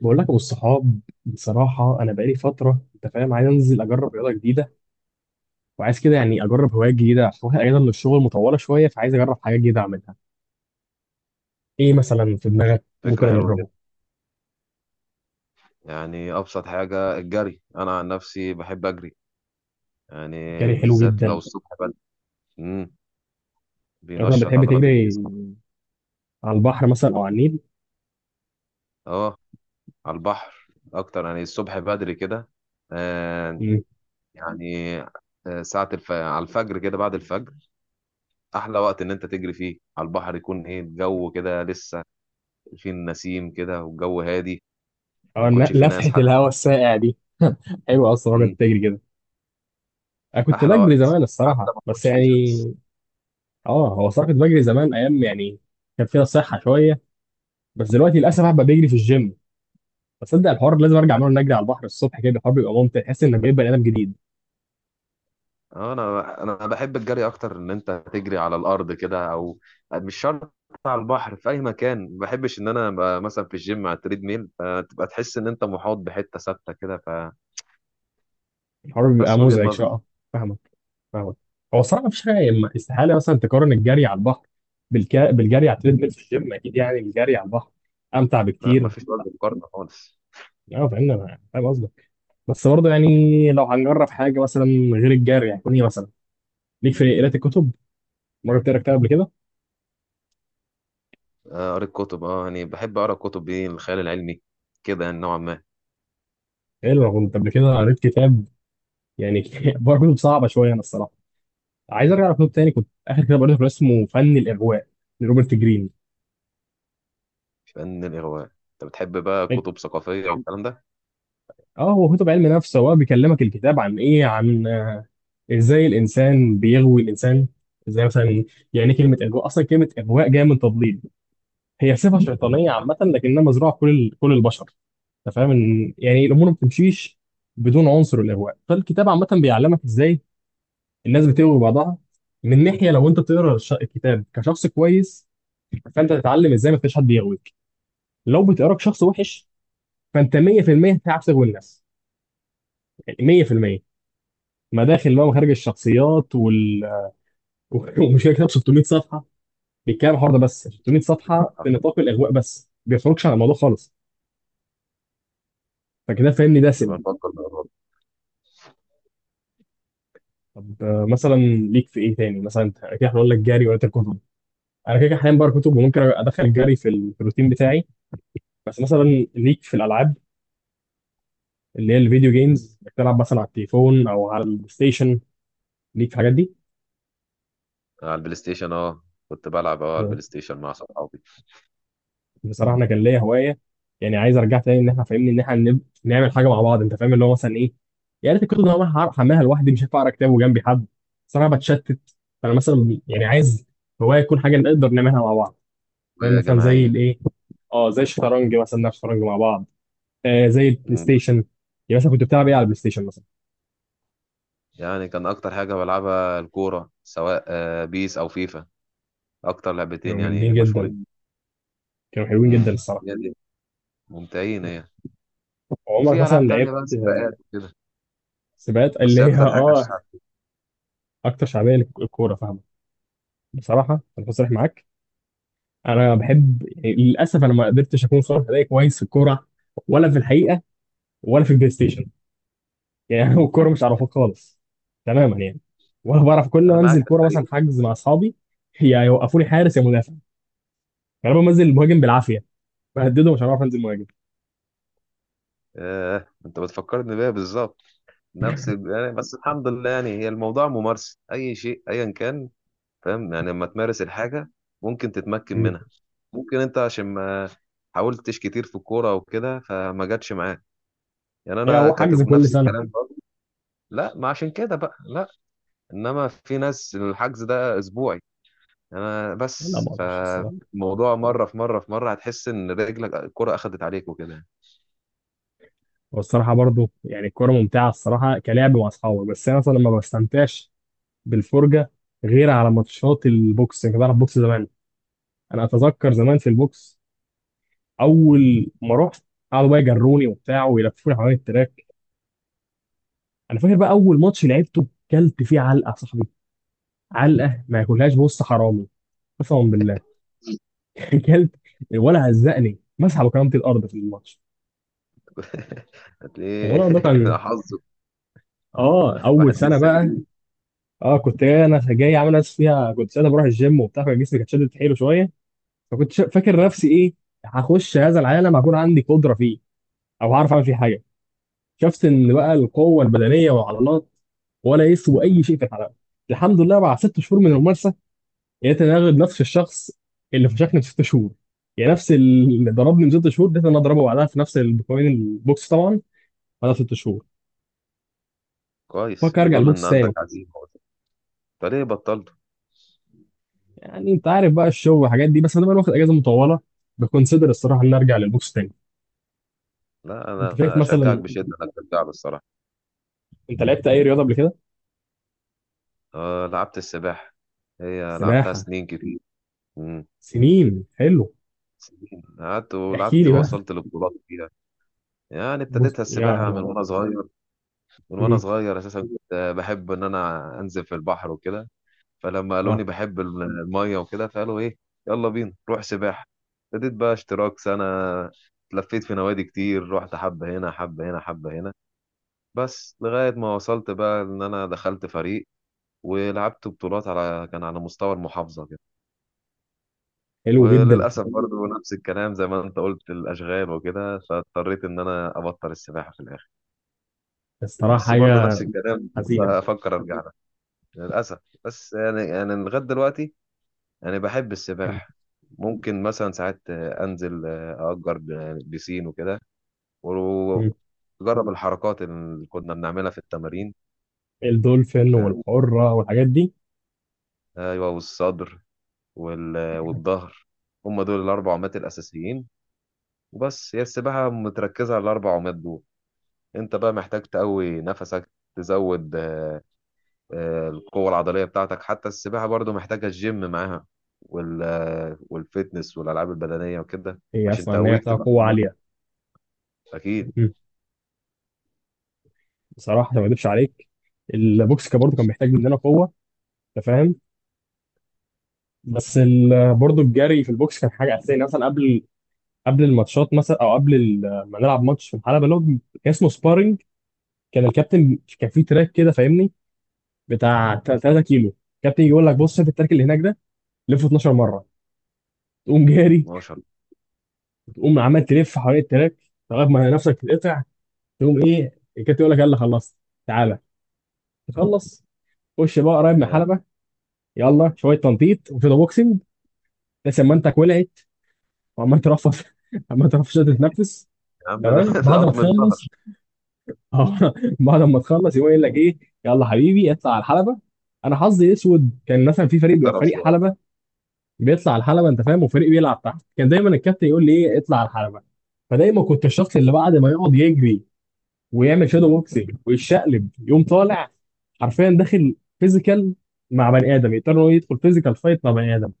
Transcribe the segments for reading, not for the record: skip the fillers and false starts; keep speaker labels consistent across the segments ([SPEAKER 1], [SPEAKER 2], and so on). [SPEAKER 1] بقول لك ابو الصحاب، بصراحه انا بقالي فتره، انت فاهم، عايز انزل اجرب رياضه جديده، وعايز كده يعني اجرب هوايه جديده، عشان واخد اجازه من الشغل مطوله شويه، فعايز اجرب حاجات جديده اعملها. ايه مثلا في دماغك
[SPEAKER 2] فكرة
[SPEAKER 1] ممكن
[SPEAKER 2] حلوة جدا.
[SPEAKER 1] اجربه؟
[SPEAKER 2] يعني أبسط حاجة الجري، أنا عن نفسي بحب أجري، يعني
[SPEAKER 1] جري حلو
[SPEAKER 2] بالذات لو
[SPEAKER 1] جدا.
[SPEAKER 2] الصبح بدري. مم.
[SPEAKER 1] مثلا
[SPEAKER 2] بينشط
[SPEAKER 1] بتحب
[SPEAKER 2] عضلات
[SPEAKER 1] تجري
[SPEAKER 2] الجسم.
[SPEAKER 1] على البحر مثلا او على النيل؟
[SPEAKER 2] أه، على البحر أكتر، يعني الصبح بدري كده. آه.
[SPEAKER 1] مم.
[SPEAKER 2] يعني على الفجر كده، بعد الفجر أحلى وقت إن أنت تجري فيه على البحر. يكون إيه الجو كده لسه فيه النسيم كده، والجو هادي،
[SPEAKER 1] او
[SPEAKER 2] ما يكونش فيه
[SPEAKER 1] لفحه
[SPEAKER 2] ناس حتى.
[SPEAKER 1] الهواء الساقع دي حلوه اصلا الراجل
[SPEAKER 2] مم.
[SPEAKER 1] تجري كده. انا كنت
[SPEAKER 2] أحلى
[SPEAKER 1] بجري
[SPEAKER 2] وقت،
[SPEAKER 1] زمان
[SPEAKER 2] حتى
[SPEAKER 1] الصراحه،
[SPEAKER 2] ما
[SPEAKER 1] بس
[SPEAKER 2] يكونش فيه
[SPEAKER 1] يعني،
[SPEAKER 2] شمس.
[SPEAKER 1] اه هو صراحه كنت بجري زمان، ايام يعني كان فيها صحه شويه، بس دلوقتي للاسف بقى بجري في الجيم. تصدق الحوار لازم ارجع اعمله، نجري على البحر الصبح كده، الحوار بيبقى ممتع، تحس انك بقيت بني ادم جديد.
[SPEAKER 2] اه، انا بحب الجري اكتر ان انت تجري على الارض كده او مش شرط على البحر، في اي مكان. ما بحبش ان انا ابقى مثلا في الجيم على التريد ميل، فتبقى تحس ان انت محاط بحته ثابته كده.
[SPEAKER 1] الحوار بيبقى
[SPEAKER 2] فبس وجهه
[SPEAKER 1] مزعج
[SPEAKER 2] نظر.
[SPEAKER 1] شويه، آه. فاهمك. فاهمك. هو الصراحه مفيش حاجه، استحاله مثلا تقارن الجري على البحر بالجري على التريدميل في الجيم، اكيد يعني الجري على البحر امتع
[SPEAKER 2] لا، ما
[SPEAKER 1] بكتير.
[SPEAKER 2] فيش وجه مقارنه خالص.
[SPEAKER 1] اه فاهمني، انا فاهم قصدك، بس برضه يعني لو هنجرب حاجه مثلا غير الجري، هيكون ايه مثلا؟ ليك في قراءه الكتب؟ مره بتقرا كتاب قبل كده؟
[SPEAKER 2] آه، قريت كتب، اه يعني بحب اقرا كتب ايه، الخيال العلمي كده، يعني نوعا ما.
[SPEAKER 1] حلو. انا كنت قبل كده قريت كتاب يعني برضه كتب صعبه شويه انا الصراحه. عايز ارجع لكتاب تاني، كنت اخر كتاب قريته كان اسمه فن الاغواء لروبرت جرين.
[SPEAKER 2] فن الاغواء، انت بتحب بقى
[SPEAKER 1] طيب،
[SPEAKER 2] كتب ثقافيه والكلام ده.
[SPEAKER 1] اه هو كتب علم نفس، هو بيكلمك الكتاب عن ايه؟ عن آه، ازاي الانسان بيغوي الانسان. ازاي مثلا؟ يعني ايه كلمه اغواء؟ اصلا كلمه اغواء جايه من تضليل، هي صفه شيطانيه عامه لكنها مزروعه في كل كل البشر. انت فاهم ان يعني الامور ما بتمشيش بدون عنصر الاغواء، فالكتاب عامه بيعلمك ازاي الناس بتغوي بعضها. من ناحيه لو انت تقرا الكتاب كشخص كويس، فانت تتعلم ازاي ما فيش حد يغوي، لو بتقراك شخص وحش فانت 100% هتعرف تغوي الناس، يعني 100%. مداخل بقى ومخارج الشخصيات ومشكله، كتاب 600 صفحه بيتكلم عن الحوار ده بس، 600 صفحه في نطاق الاغواء بس ما بيخرجش عن الموضوع خالص. فكده فاهمني، دسم.
[SPEAKER 2] نبقى نفكر مع بعض.
[SPEAKER 1] طب آه، مثلا ليك في ايه تاني؟ مثلا انت كده هنقول لك جري ولا كتب؟ انا كده كده حاليا بقرا كتب، وممكن ادخل الجري في في الروتين بتاعي. بس مثلا ليك في الالعاب اللي هي الفيديو جيمز؟ بتلعب مثلا على التليفون او على البلاي ستيشن؟ ليك في الحاجات دي؟
[SPEAKER 2] على البلاي ستيشن، اه كنت بلعب اه على البلاي ستيشن مع صحابي.
[SPEAKER 1] بصراحه انا كان ليا هوايه، يعني عايز ارجع تاني ان احنا، فاهمني ان احنا نعمل حاجه مع بعض، انت فاهم، اللي هو مثلا ايه، يا ريت. الكتب اللي انا هعرف احملها لوحدي، مش هينفع اقرا كتاب وجنبي حد، صراحه بتشتت. فانا مثلا يعني عايز هوايه تكون حاجه نقدر نعملها مع بعض، فاهم مثلا زي
[SPEAKER 2] وجماعيه.
[SPEAKER 1] الايه؟ اه زي الشطرنج مثلا نلعب شطرنج مع بعض، آه زي البلاي ستيشن. يعني مثلا كنت بتلعب ايه على البلاي ستيشن مثلا؟
[SPEAKER 2] يعني كان اكتر حاجه بلعبها الكوره، سواء آه، بيس او فيفا، اكتر لعبتين
[SPEAKER 1] كانوا
[SPEAKER 2] يعني
[SPEAKER 1] جامدين جدا،
[SPEAKER 2] مشهورين.
[SPEAKER 1] كانوا حلوين
[SPEAKER 2] امم.
[SPEAKER 1] جدا الصراحه.
[SPEAKER 2] هي دي. ممتعين هي.
[SPEAKER 1] عمرك
[SPEAKER 2] وفي
[SPEAKER 1] مثلا
[SPEAKER 2] العاب تانية
[SPEAKER 1] لعبت؟
[SPEAKER 2] بقى سباقات وكده،
[SPEAKER 1] سباقات اللي
[SPEAKER 2] بس هي
[SPEAKER 1] هي،
[SPEAKER 2] اكتر حاجه
[SPEAKER 1] اه
[SPEAKER 2] الشعب.
[SPEAKER 1] اكتر شعبيه للكوره، فاهمه. بصراحه انا بصريح معاك، انا بحب يعني، للاسف انا ما قدرتش اكون صالح، اداء كويس في الكوره ولا في الحقيقه ولا في البلاي ستيشن يعني أنا الكوره مش عارفها خالص تماما يعني، ولا بعرف. كل
[SPEAKER 2] انا
[SPEAKER 1] ما
[SPEAKER 2] معاك
[SPEAKER 1] انزل
[SPEAKER 2] في
[SPEAKER 1] كوره مثلا
[SPEAKER 2] الحقيقه.
[SPEAKER 1] حجز مع اصحابي يا يوقفوني حارس يا مدافع، غالبا بنزل مهاجم بالعافيه، بهدده، مش هعرف انزل مهاجم.
[SPEAKER 2] آه، انت بتفكرني بيها بالظبط، يعني بس الحمد لله. يعني هي الموضوع ممارسه اي شيء ايا كان. فاهم، يعني لما تمارس الحاجه ممكن تتمكن
[SPEAKER 1] مم.
[SPEAKER 2] منها. ممكن انت عشان ما حاولتش كتير في الكوره وكده فما جاتش معاك. يعني
[SPEAKER 1] هي
[SPEAKER 2] انا
[SPEAKER 1] هو
[SPEAKER 2] كنت
[SPEAKER 1] حجز كل
[SPEAKER 2] نفس
[SPEAKER 1] سنه؟
[SPEAKER 2] الكلام برضه. لا، ما عشان كده بقى لا، انما في ناس الحجز ده اسبوعي. انا
[SPEAKER 1] لا ما
[SPEAKER 2] بس
[SPEAKER 1] اقدرش الصراحه.
[SPEAKER 2] فموضوع مره في مره في مره هتحس ان رجلك الكره اخدت عليك وكده.
[SPEAKER 1] والصراحه برضو يعني الكوره ممتعه الصراحه، كلعب مع اصحابي، بس انا مثلا ما بستمتعش بالفرجه. غير على ماتشات البوكس، يعني كنت بلعب بوكس زمان. انا اتذكر زمان في البوكس، اول ما رحت قعدوا بقى يجروني وبتاع ويلفوني حوالين التراك. انا فاكر بقى اول ماتش لعبته كلت فيه علقه يا صاحبي، علقه ما ياكلهاش بص حرامي، قسما بالله كلت، ولا هزقني، مسح بكرامتي الارض في الماتش.
[SPEAKER 2] هتلاقيه
[SPEAKER 1] والله ده كان،
[SPEAKER 2] حظك،
[SPEAKER 1] اه اول
[SPEAKER 2] واحد
[SPEAKER 1] سنه
[SPEAKER 2] لسه
[SPEAKER 1] بقى،
[SPEAKER 2] جديد.
[SPEAKER 1] اه كنت جاي، انا جاي عامل نفسي فيها، كنت ساعتها بروح الجيم وبتاع، فجسمي كان شادد حيله شويه. فكنت فاكر نفسي ايه، هخش هذا العالم، هكون عندي قدره فيه او هعرف اعمل فيه حاجه. شفت اللي بقى، القوه البدنيه والعضلات ولا يسوى اي شيء في الحلبه. الحمد لله، بعد 6 شهور من الممارسه لقيت انا اغلب نفس الشخص اللي فشخني في 6 شهور، يعني نفس اللي ضربني من 6 شهور لقيت انا اضربه بعدها في نفس البقوانين البوكس طبعا، بعدها 6 شهور.
[SPEAKER 2] كويس،
[SPEAKER 1] فكر ارجع
[SPEAKER 2] بيدل ان
[SPEAKER 1] البوكس
[SPEAKER 2] عندك
[SPEAKER 1] تاني،
[SPEAKER 2] عزيمه. طب ليه بطلت؟
[SPEAKER 1] يعني انت عارف بقى الشغل والحاجات دي، بس انا بقى واخد اجازه مطوله، بكونسيدر الصراحه ان ارجع للبوكس تاني.
[SPEAKER 2] لا
[SPEAKER 1] انت
[SPEAKER 2] انا
[SPEAKER 1] شايف
[SPEAKER 2] اشجعك
[SPEAKER 1] مثلا،
[SPEAKER 2] بشده انك ترجع له الصراحه.
[SPEAKER 1] انت لعبت اي رياضه قبل كده؟
[SPEAKER 2] أه، لعبت السباحه، هي لعبتها
[SPEAKER 1] سباحه؟
[SPEAKER 2] سنين كتير. مم.
[SPEAKER 1] سنين؟ حلو.
[SPEAKER 2] سنين قعدت
[SPEAKER 1] احكي
[SPEAKER 2] ولعبت
[SPEAKER 1] لي بقى.
[SPEAKER 2] ووصلت لبطولات فيها. يعني
[SPEAKER 1] بص
[SPEAKER 2] ابتديتها
[SPEAKER 1] يا
[SPEAKER 2] السباحه
[SPEAKER 1] نهار
[SPEAKER 2] من وانا
[SPEAKER 1] ابيض.
[SPEAKER 2] صغير، من وانا
[SPEAKER 1] مهم.
[SPEAKER 2] صغير. اساسا كنت بحب ان انا انزل في البحر وكده، فلما
[SPEAKER 1] اه.
[SPEAKER 2] قالوني بحب الميه وكده فقالوا ايه يلا بينا روح سباحه. ابتديت بقى اشتراك سنه، لفيت في نوادي كتير، رحت حبه هنا حبه هنا حبه هنا، بس لغايه ما وصلت بقى ان انا دخلت فريق ولعبت بطولات على كان على مستوى المحافظه كده.
[SPEAKER 1] حلو جدا.
[SPEAKER 2] وللاسف برضه نفس الكلام زي ما انت قلت، الاشغال وكده، فاضطريت ان انا ابطل السباحه في الاخر.
[SPEAKER 1] الصراحة
[SPEAKER 2] بس برضه
[SPEAKER 1] حاجة
[SPEAKER 2] نفس الكلام،
[SPEAKER 1] حزينة.
[SPEAKER 2] افكر ارجع. للأسف. بس يعني أنا لغاية دلوقتي أنا بحب
[SPEAKER 1] مم.
[SPEAKER 2] السباحة. ممكن مثلا ساعات أنزل، يعني بيسين وكده،
[SPEAKER 1] مم.
[SPEAKER 2] وأجرب الحركات اللي كنا بنعملها في التمارين.
[SPEAKER 1] الدولفين
[SPEAKER 2] ف...
[SPEAKER 1] والحرة والحاجات دي.
[SPEAKER 2] أيوه، والصدر والظهر، هم دول الأربع عمات الأساسيين. وبس، هي السباحة متركزة على الأربع عمات دول. أنت بقى محتاج تقوي نفسك، تزود القوة العضلية بتاعتك. حتى السباحة برضو محتاجة الجيم معاها، والفيتنس والألعاب البدنية وكده،
[SPEAKER 1] هي
[SPEAKER 2] عشان
[SPEAKER 1] أسمع إن هي
[SPEAKER 2] تقويك
[SPEAKER 1] محتاجة
[SPEAKER 2] تبقى في
[SPEAKER 1] قوة
[SPEAKER 2] المية.
[SPEAKER 1] عالية.
[SPEAKER 2] أكيد.
[SPEAKER 1] مم. بصراحة عشان ما أكدبش عليك، البوكس كان برضه كان بيحتاج مننا قوة، أنت فاهم، بس برضه الجري في البوكس كان حاجة أساسية، يعني مثلا قبل الماتشات مثلا، أو قبل ما نلعب ماتش في الحلبة اللي هو كان اسمه سبارينج. كان الكابتن كان فيه تراك كده، فاهمني، بتاع 3 كيلو. الكابتن يجي يقول لك بص شايف التراك اللي هناك ده؟ لفه 12 مرة. تقوم جاري،
[SPEAKER 2] 12.
[SPEAKER 1] تقوم عمال تلف حوالين التراك لغاية ما نفسك تتقطع. تقوم ايه، الكابتن يقول لك يلا خلصت، تعالى. تخلص، خش بقى قريب من
[SPEAKER 2] آه،
[SPEAKER 1] الحلبه، يلا شويه تنطيط وشويه بوكسنج، بس امانتك ولعت وعمال ترفض عمال ترفض عشان تتنفس.
[SPEAKER 2] يا عم ده
[SPEAKER 1] تمام.
[SPEAKER 2] ده
[SPEAKER 1] بعد ما
[SPEAKER 2] قطم الظهر.
[SPEAKER 1] تخلص، اه بعد ما تخلص يقوم يقول لك ايه، يلا حبيبي اطلع على الحلبه. انا حظي اسود، كان مثلا في فريق بيبقى
[SPEAKER 2] ضرب
[SPEAKER 1] فريق
[SPEAKER 2] شوية.
[SPEAKER 1] حلبه بيطلع على الحلبه، انت فاهم، وفريق بيلعب تحت، كان دايما الكابتن يقول لي ايه اطلع على الحلبه. فدايما كنت الشخص اللي بعد ما يقعد يجري ويعمل شادو بوكسنج ويتشقلب يقوم طالع، حرفيا داخل فيزيكال مع بني ادم، يضطر إن هو يدخل فيزيكال فايت مع بني ادم.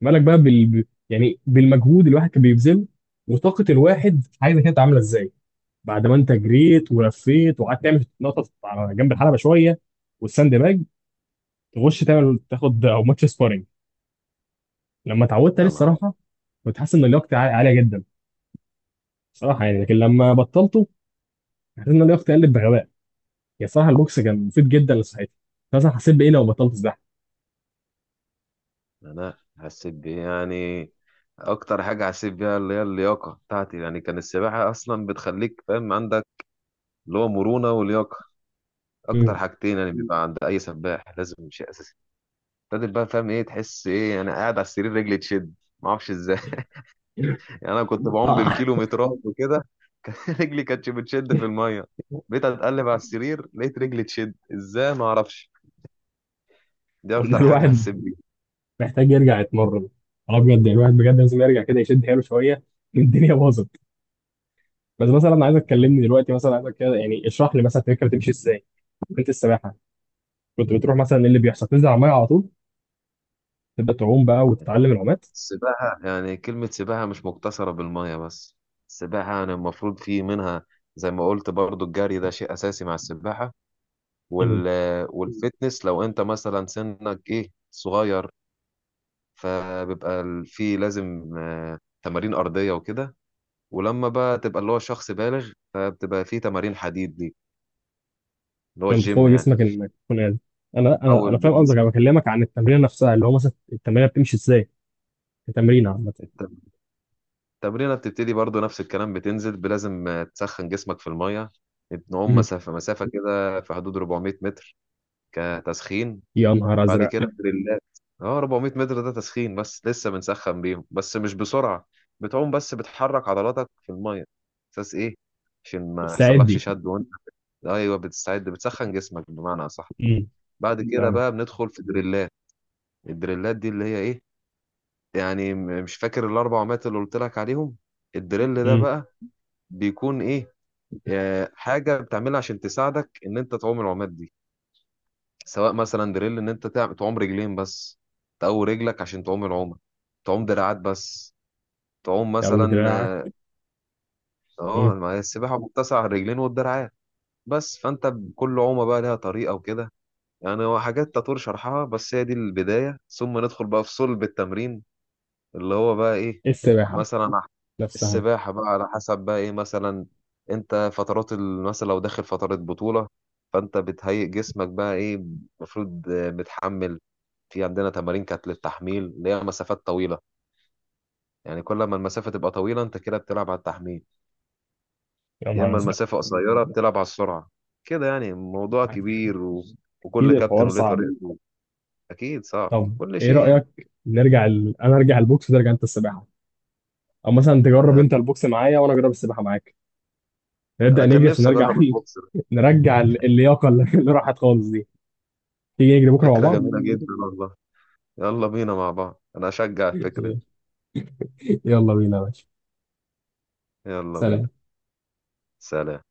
[SPEAKER 1] مالك بقى يعني بالمجهود الواحد كان بيبذله، وطاقه الواحد عايزه كانت عامله ازاي، بعد ما انت جريت ولفيت وقعدت تعمل نقطه على جنب الحلبه شويه والساند باج، تخش تعمل تاخد او ماتش سبارنج. لما اتعودت عليه
[SPEAKER 2] يا نهار أبيض.
[SPEAKER 1] الصراحه كنت حاسس ان لياقتي عاليه جدا صراحه يعني، لكن لما بطلته حسيت ان لياقتي قلت بغباء، يا صراحه البوكس كان مفيد جدا لصحتي. مثلا حسيت بايه لو بطلت الزحمه؟
[SPEAKER 2] أنا حسيت بيه يعني. أكتر حاجة حسيت بيها اللي هي اللياقة بتاعتي. يعني كان السباحة أصلا بتخليك فاهم عندك اللي هو مرونة ولياقة، أكتر
[SPEAKER 1] مم.
[SPEAKER 2] حاجتين يعني بيبقى عند أي سباح لازم شيء أساسي. ابتدت بقى فاهم إيه، تحس إيه أنا قاعد على السرير رجلي تشد، معرفش إزاي. يعني انا كنت بعوم
[SPEAKER 1] اه
[SPEAKER 2] بالكيلومترات وكده. رجلي كانتش بتشد في الميه، بقيت اتقلب على السرير لقيت رجلي تشد، ازاي ما اعرفش. دي
[SPEAKER 1] والله
[SPEAKER 2] اكتر حاجه حسيت
[SPEAKER 1] الواحد
[SPEAKER 2] بيها.
[SPEAKER 1] محتاج يرجع يتمرن، اه بجد يعني الواحد بجد لازم يرجع كده يشد حيله شويه، الدنيا باظت. بس مثلا عايزك تكلمني دلوقتي، مثلا عايزك كده يعني اشرح لي مثلا الفكره بتمشي ازاي؟ انت السباحه كنت بتروح مثلا ايه اللي بيحصل؟ تنزل على الميه على طول تبدا تعوم بقى وتتعلم العومات؟
[SPEAKER 2] السباحه، يعني كلمه سباحه مش مقتصره بالميه بس. السباحه يعني المفروض في منها، زي ما قلت برضو الجري ده شيء اساسي مع السباحه،
[SPEAKER 1] مم.
[SPEAKER 2] وال والفتنس. لو انت مثلا سنك ايه صغير فبيبقى في لازم تمارين ارضيه وكده، ولما بقى تبقى اللي هو شخص بالغ فبتبقى في تمارين حديد دي، اللي هو
[SPEAKER 1] عشان
[SPEAKER 2] الجيم
[SPEAKER 1] تقوي
[SPEAKER 2] يعني.
[SPEAKER 1] جسمك انك تكون قادر. انا فاهم
[SPEAKER 2] اول
[SPEAKER 1] قصدك، انا
[SPEAKER 2] جسمك.
[SPEAKER 1] بكلمك عن التمرين نفسها، اللي هو مثلا التمرين بتمشي ازاي، التمرين عامه.
[SPEAKER 2] الت- التمرينه بتبتدي برضو نفس الكلام، لازم تسخن جسمك في الميه. بنعوم
[SPEAKER 1] مم.
[SPEAKER 2] مسافه مسافه كده في حدود 400 متر كتسخين.
[SPEAKER 1] يا نهار
[SPEAKER 2] بعد
[SPEAKER 1] ازرق.
[SPEAKER 2] كده دريلات. اه، 400 متر ده تسخين بس، لسه بنسخن بيهم بس مش بسرعه، بتعوم بس بتحرك عضلاتك في الميه، اساس ايه عشان ما يحصلكش
[SPEAKER 1] استعدي.
[SPEAKER 2] شد وانت. ايوه بتستعد، بتسخن جسمك بمعنى اصح. بعد كده
[SPEAKER 1] فاهمك.
[SPEAKER 2] بقى بندخل في دريلات. الدريلات دي اللي هي ايه، يعني مش فاكر الأربع عمات اللي قلت لك عليهم. الدريل ده
[SPEAKER 1] مم.
[SPEAKER 2] بقى بيكون إيه، حاجة بتعملها عشان تساعدك إن أنت تعوم العمات دي. سواء مثلا دريل إن أنت تعوم رجلين بس، تقوي رجلك عشان تعوم العومة، تعوم دراعات بس، تعوم
[SPEAKER 1] او
[SPEAKER 2] مثلا
[SPEAKER 1] دراعك.
[SPEAKER 2] آه،.
[SPEAKER 1] مم.
[SPEAKER 2] اه، ما هي السباحة متسعة على الرجلين والدراعات. بس فانت بكل عومة بقى لها طريقة وكده، يعني هو حاجات تطور شرحها. بس هي دي البداية، ثم ندخل بقى في صلب التمرين اللي هو بقى ايه.
[SPEAKER 1] السباحه
[SPEAKER 2] مثلا على،
[SPEAKER 1] نفسها.
[SPEAKER 2] السباحة بقى على حسب بقى ايه مثلا. انت مثلا لو داخل فترة بطولة فانت بتهيئ جسمك بقى ايه المفروض، متحمل. في عندنا تمارين كانت للتحميل اللي هي مسافات طويلة، يعني كل ما المسافة تبقى طويلة انت كده بتلعب على التحميل،
[SPEAKER 1] يا
[SPEAKER 2] يا
[SPEAKER 1] نهار
[SPEAKER 2] اما
[SPEAKER 1] ازرق.
[SPEAKER 2] المسافة قصيرة بتلعب على السرعة. كده يعني موضوع كبير و...
[SPEAKER 1] اكيد
[SPEAKER 2] وكل كابتن
[SPEAKER 1] الحوار
[SPEAKER 2] وليه
[SPEAKER 1] صعب.
[SPEAKER 2] طريقته. اكيد صعب
[SPEAKER 1] طب
[SPEAKER 2] كل
[SPEAKER 1] ايه
[SPEAKER 2] شيء يعني.
[SPEAKER 1] رايك، نرجع انا ارجع البوكس وترجع انت السباحه، او مثلا تجرب
[SPEAKER 2] آه،
[SPEAKER 1] انت البوكس معايا وانا اجرب السباحه معاك؟
[SPEAKER 2] انا
[SPEAKER 1] نبدا
[SPEAKER 2] كان
[SPEAKER 1] نجري عشان
[SPEAKER 2] نفسي
[SPEAKER 1] نرجع
[SPEAKER 2] اجرب البوكس.
[SPEAKER 1] نرجع اللياقه اللي اللي راحت خالص دي. تيجي نجري بكره مع
[SPEAKER 2] فكرة
[SPEAKER 1] بعض؟
[SPEAKER 2] جميلة جدا والله، يلا بينا مع بعض، انا اشجع الفكرة دي.
[SPEAKER 1] يلا بينا يا باشا.
[SPEAKER 2] يلا بينا.
[SPEAKER 1] سلام.
[SPEAKER 2] سلام.